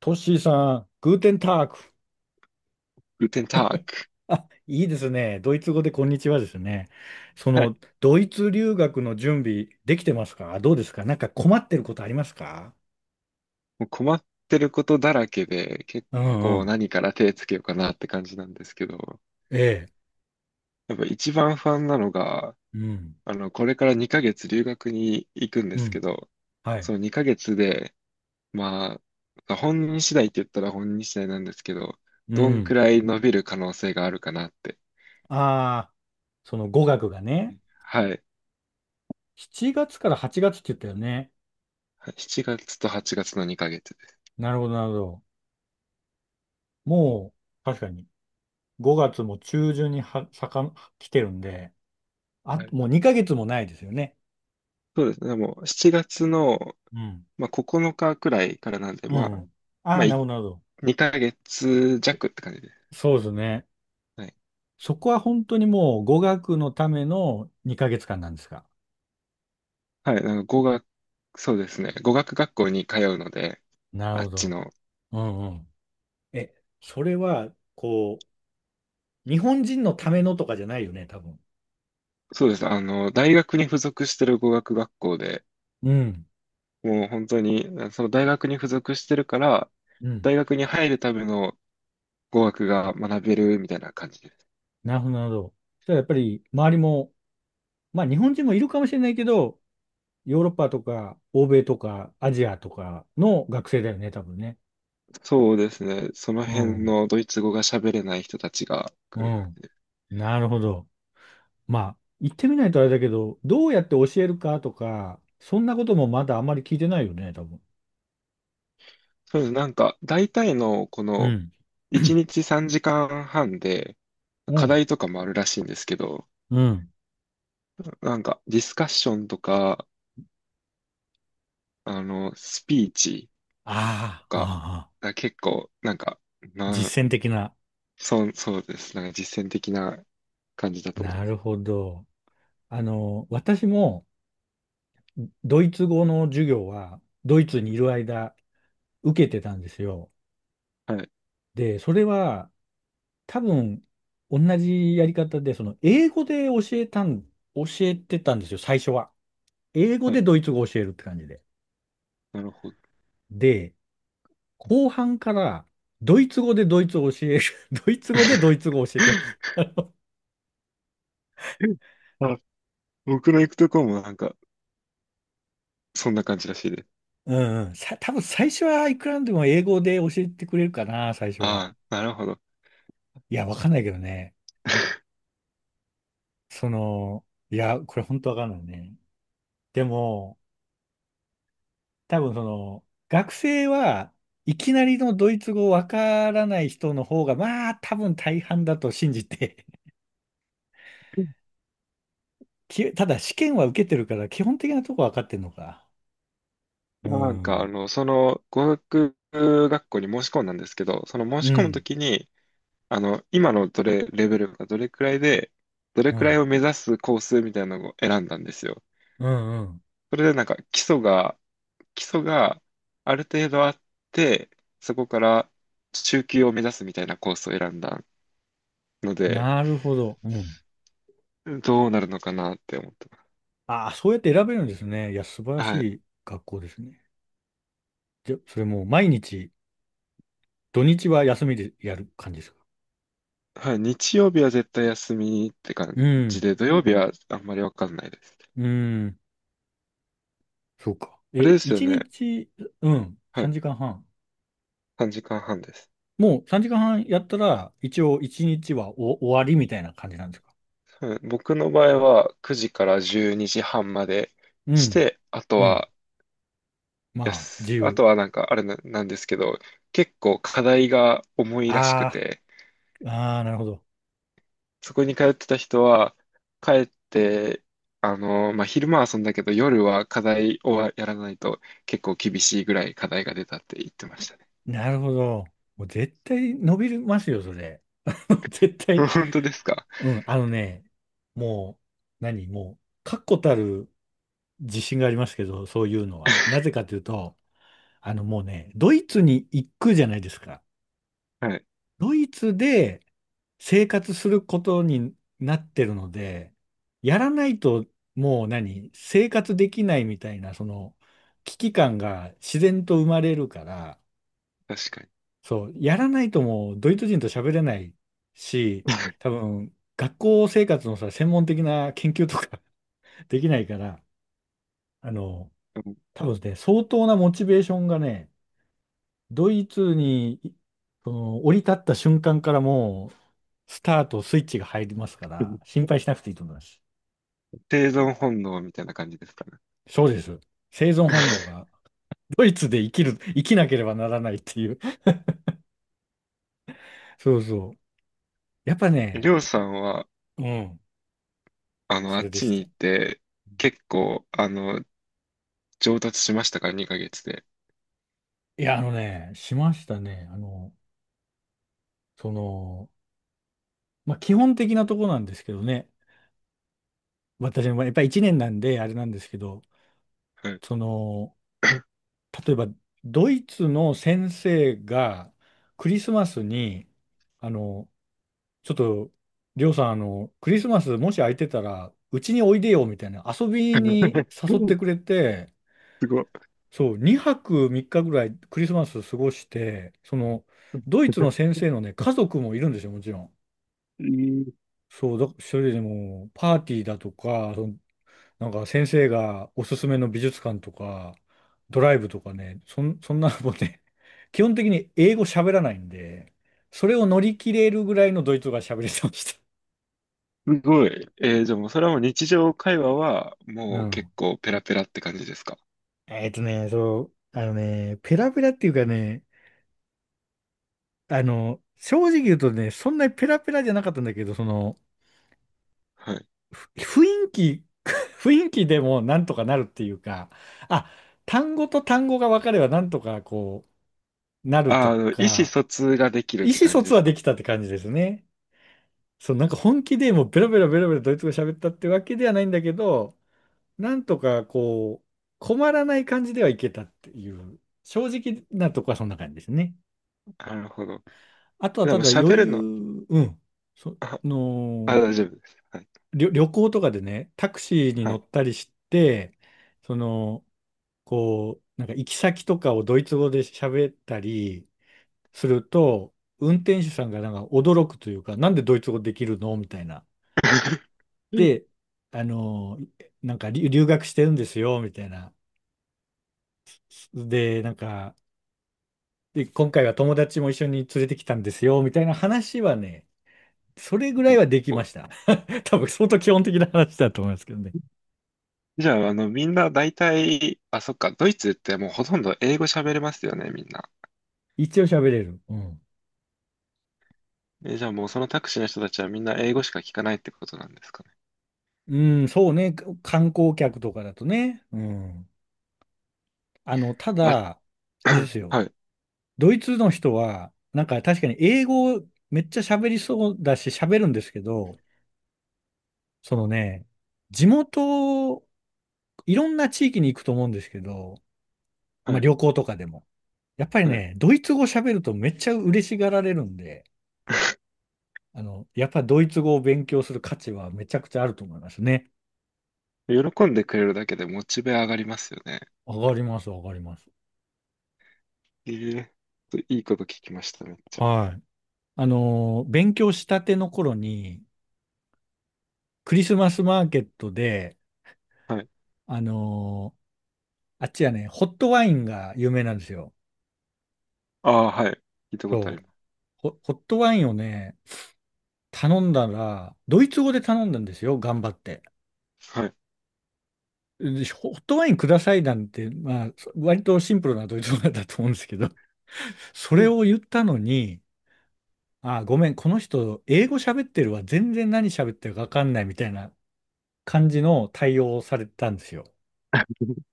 トッシーさん、グーテンターク。グテンターク。あ、いいですね。ドイツ語でこんにちはですね。はい。ドイツ留学の準備できてますか？どうですか？なんか困ってることありますか？もう困ってることだらけで、結うんう構ん。何から手つけようかなって感じなんですけど、ええ。やっぱ一番不安なのが、うん。これから2ヶ月留学に行くんでうすけん。ど、はそい。の2ヶ月で、まあ、本人次第って言ったら本人次第なんですけど、うどんくん。らい伸びる可能性があるかなって。ああ、その語学がね、はい。7月から8月って言ったよね。7月と8月の2ヶ月です。なるほど、なるほど。もう、確かに、5月も中旬には、来てるんで、あ、はい。もう2ヶ月もないですよね。そうですね。でもう7月の、うん。まあ、9日くらいからなんで、うんうん。ああ、なるほ1 ど、なるほ2ヶ月弱って感じで。そうですね。はい。そこは本当にもう語学のための2ヶ月間なんですか。はい。あの語学、そうですね。語学学校に通うので、なるあほっちど。の。うんうん。え、それは、日本人のためのとかじゃないよね、多分。そうです。大学に付属してる語学学校で、うん。もう本当に、その大学に付属してるから、うん。大学に入るための語学が学べるみたいな感じです。なるほど、なるほど。そしたらやっぱり周りも、まあ日本人もいるかもしれないけど、ヨーロッパとか欧米とかアジアとかの学生だよね、多分ね。そうですね。そのう辺ん。のドイツ語が喋れない人たちが来うる感ん。じで。なるほど。まあ、言ってみないとあれだけど、どうやって教えるかとか、そんなこともまだあんまり聞いてないよね、多分。そうです。なんか、大体のこうのん。1 日3時間半でう課ん。題とかもあるらしいんですけど、うん。なんか、ディスカッションとか、スピーチとああ、か、ああ、結構、なんか、な実践的な。そう、そうです。なんか実践的な感じだと思いなまるす。ほど。私もドイツ語の授業はドイツにいる間受けてたんですよ。はい。で、それは多分同じやり方で、その英語で教えたん、教えてたんですよ、最初は。英語はでい。ドイツ語を教えるって感じで。なるほど。で、後半から、ドイツ語でドイツを教える。ドイツ語でドイツ語を教えてます。あ、僕の行くとこもなんか、そんな感じらしいです。うんうん。さ、多分最初はいくらでも英語で教えてくれるかな、最初は。ああ、なるほど。いや、わかんないけどね。その、いや、これ本当わかんないね。でも、多分学生はいきなりのドイツ語わからない人の方が、まあ、多分大半だと信じて。きただ試験は受けてるから、基本的なとこわかってんのか。うなんか、ん。その、語学学校に申し込んだんですけど、その申うし込むとん。きに、あの、今のどれ、レベルがどれくらいで、どれうくらいん。を目指すコースみたいなのを選んだんですよ。うんうん。それでなんか基礎がある程度あって、そこから中級を目指すみたいなコースを選んだので、なるほど。うん。どうなるのかなって思ってます。ああ、そうやって選べるんですね。いや、素晴らしはい。い学校ですね。じゃ、それもう毎日、土日は休みでやる感じですか？はい。日曜日は絶対休みって感うじん。で、土曜日はあんまりわかんないです。うん。そうか。あえ、れですよ一ね。日、うん、は3い。時間半。3時間半です。もう3時間半やったら、一応一日はお終わりみたいな感じなんですか？はい僕の場合は9時から12時半までうしん。て、あとうん。はでまあ、自す。あ由。とはなんかあれな、なんですけど、結構課題が重いらしくあて、あ、ああ、なるほど。そこに通ってた人は、帰って、まあ、昼間は遊んだけど、夜は課題をやらないと結構厳しいぐらい課題が出たって言ってましたね。なるほど。もう絶対伸びますよ、それ。絶 対。本当ですか？ うん、あのね、もう、何、もう、確固たる自信がありますけど、そういうのは。なぜ かというと、あのもうね、ドイツに行くじゃないですか。はい、ドイツで生活することになってるので、やらないともう何、生活できないみたいな、その危機感が自然と生まれるから、確かに。そう、やらないともうドイツ人と喋れないし、多分学校生活のさ、専門的な研究とか できないから、あの、多分ね、相当なモチベーションがね、ドイツにいその降り立った瞬間からもう、スタートスイッチが入りますかうら、ん。心配しなくていいと思います。生存本能みたいな感じですかね？そうです。生存本能が、ドイツで生きる、生きなければならないっていう。そうそう。やっぱね、りょうさんは、うん、あそっれでちしにた。行って、結構、上達しましたか ?2 ヶ月で。いや、あのね、しましたね。その、まあ、基本的なとこなんですけどね。私の場合、やっぱり1年なんで、あれなんですけど、はい。その、例えば、ドイツの先生が、クリスマスに、あの、ちょっと、りょうさん、あの、クリスマスもし空いてたら、うちにおいでよ、みたいな、遊びに 誘ってくれて、すごい。そう、2泊3日ぐらいクリスマス過ごして、その、ドイツの 先生のね、家族もいるんですよ、もちろん。えーそれでも、パーティーだとか、その、なんか先生がおすすめの美術館とか、ドライブとかね、そんなのもね、基本的に英語喋らないんで、それを乗り切れるぐらいのドイツ語が喋れてました。すごい。じゃあもうそれはもう日常会話はうもうん。結構ペラペラって感じですか？えっとね、そう、あのね、ペラペラっていうかね、あの、正直言うとね、そんなにペラペラじゃなかったんだけど、その、はい。ふ雰囲気、雰囲気でもなんとかなるっていうか、あ、単語と単語が分かればなんとかなると意思か、疎通ができるっ意て思感疎じで通はすか？できたって感じですね。そう、なんか本気でもうベラベラベラベラドイツ語喋ったってわけではないんだけど、なんとかこう、困らない感じではいけたっていう、正直なとこはそんな感じですね。なるほど。あとはでたもだ余喋るの、裕、うん、そあ、の、大丈夫です。はい。旅行とかでね、タクシーには乗い。ったりして、その、こう、なんか行き先とかをドイツ語で喋ったりすると、運転手さんがなんか驚くというか、なんでドイツ語できるのみたいな。で、あの、なんか留学してるんですよ、みたいな。で、なんか、で、今回は友達も一緒に連れてきたんですよ、みたいな話はね、それぐらいはできました。多分相当基本的な話だと思いますけどね。じゃあ、みんな大体、そっか、ドイツってもうほとんど英語喋れますよね、みんな。一応喋れる。うん。え、じゃあもうそのタクシーの人たちはみんな英語しか聞かないってことなんですかね。うん、そうね。観光客とかだとね。うん。あの、たあ、だ、あれですよ。はい、ドイツの人は、なんか確かに英語めっちゃ喋りそうだし喋るんですけど、そのね、地元、いろんな地域に行くと思うんですけど、はまあい、旅行とかでも。やっぱりはい。ね、ドイツ語喋るとめっちゃ嬉しがられるんで、あの、やっぱドイツ語を勉強する価値はめちゃくちゃあると思いますね。喜んでくれるだけでモチベ上がりますよね。わかります、わかります。ええ、いいこと聞きました、めっちゃ。はい。あのー、勉強したての頃に、クリスマスマーケットで、はい。あのー、あっちはね、ホットワインが有名なんですよ。ああ、はい。聞いたことあそりう。まホットワインをね、頼んだら、ドイツ語で頼んだんですよ、頑張って。す。はい。でホットワインくださいなんて、まあ、そ割とシンプルなドイツ語だと思うんですけど、それを言ったのに、あ、ごめん、この人、英語喋ってるわ、全然何喋ってるか分かんないみたいな感じの対応をされたんですよ。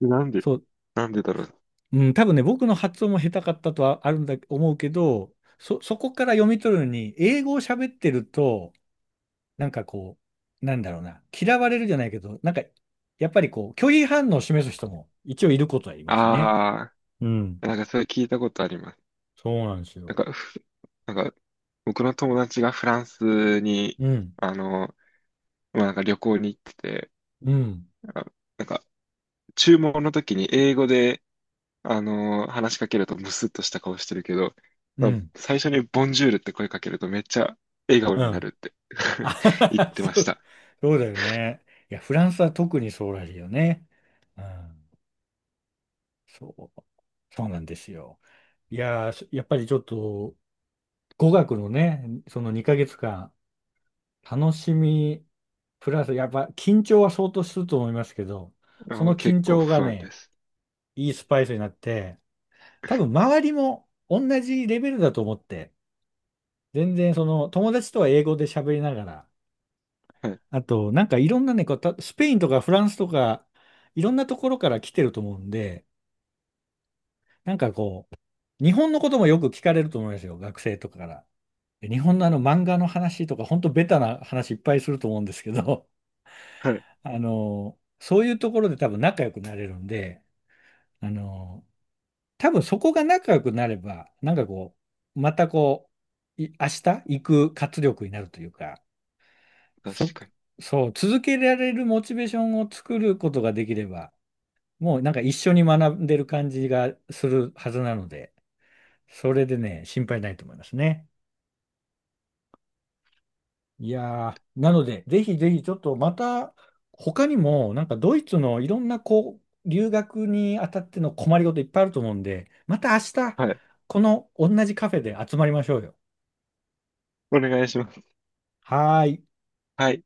なんで、そう、なんでだろう。うん、多分ね、僕の発音も下手かったとはあるんだ、思うけど、そこから読み取るのに、英語を喋ってると、なんかこう、なんだろうな、嫌われるじゃないけど、なんか、やっぱりこう、拒否反応を示す人も一応いることはいますね。あうん。あ、なんかそれ聞いたことあります。そうなんですなんよ。か、ふなんか、僕の友達がフランスに、うん。あの、まあ、なんか旅行に行ってて、うん。あ、なんか、注文の時に英語で、話しかけるとムスッとした顔してるけど、うまあん。最初にボンジュールって声かけるとめっちゃ笑顔うになん。るって あ 言ってまそしう、た。そうだよね。いや、フランスは特にそうらしいよね。うん。そう。そうなんですよ。いやー、やっぱりちょっと、語学のね、その2ヶ月間、楽しみ、プラス、やっぱ緊張は相当すると思いますけど、その結緊構張が不安でね、す。いいスパイスになって、多分周りも同じレベルだと思って、全然その友達とは英語で喋りながら、はい。あとなんかいろんなね、こうたスペインとかフランスとか、いろんなところから来てると思うんで、なんかこう、日本のこともよく聞かれると思いますよ、学生とかから。で日本のあの漫画の話とか、ほんとベタな話いっぱいすると思うんですけど、はい。あの、そういうところで多分仲良くなれるんで、あの、多分そこが仲良くなれば、なんかこう、また明日行く活力になるというか、確そ、かに。そう、続けられるモチベーションを作ることができれば、もうなんか一緒に学んでる感じがするはずなので、それでね、心配ないと思いますね。いやー、なので、ぜひぜひちょっとまた、他にも、なんかドイツのいろんな留学にあたっての困りごといっぱいあると思うんで、また明日、はい。この同じカフェで集まりましょうよ。お願いします。はーい。はい。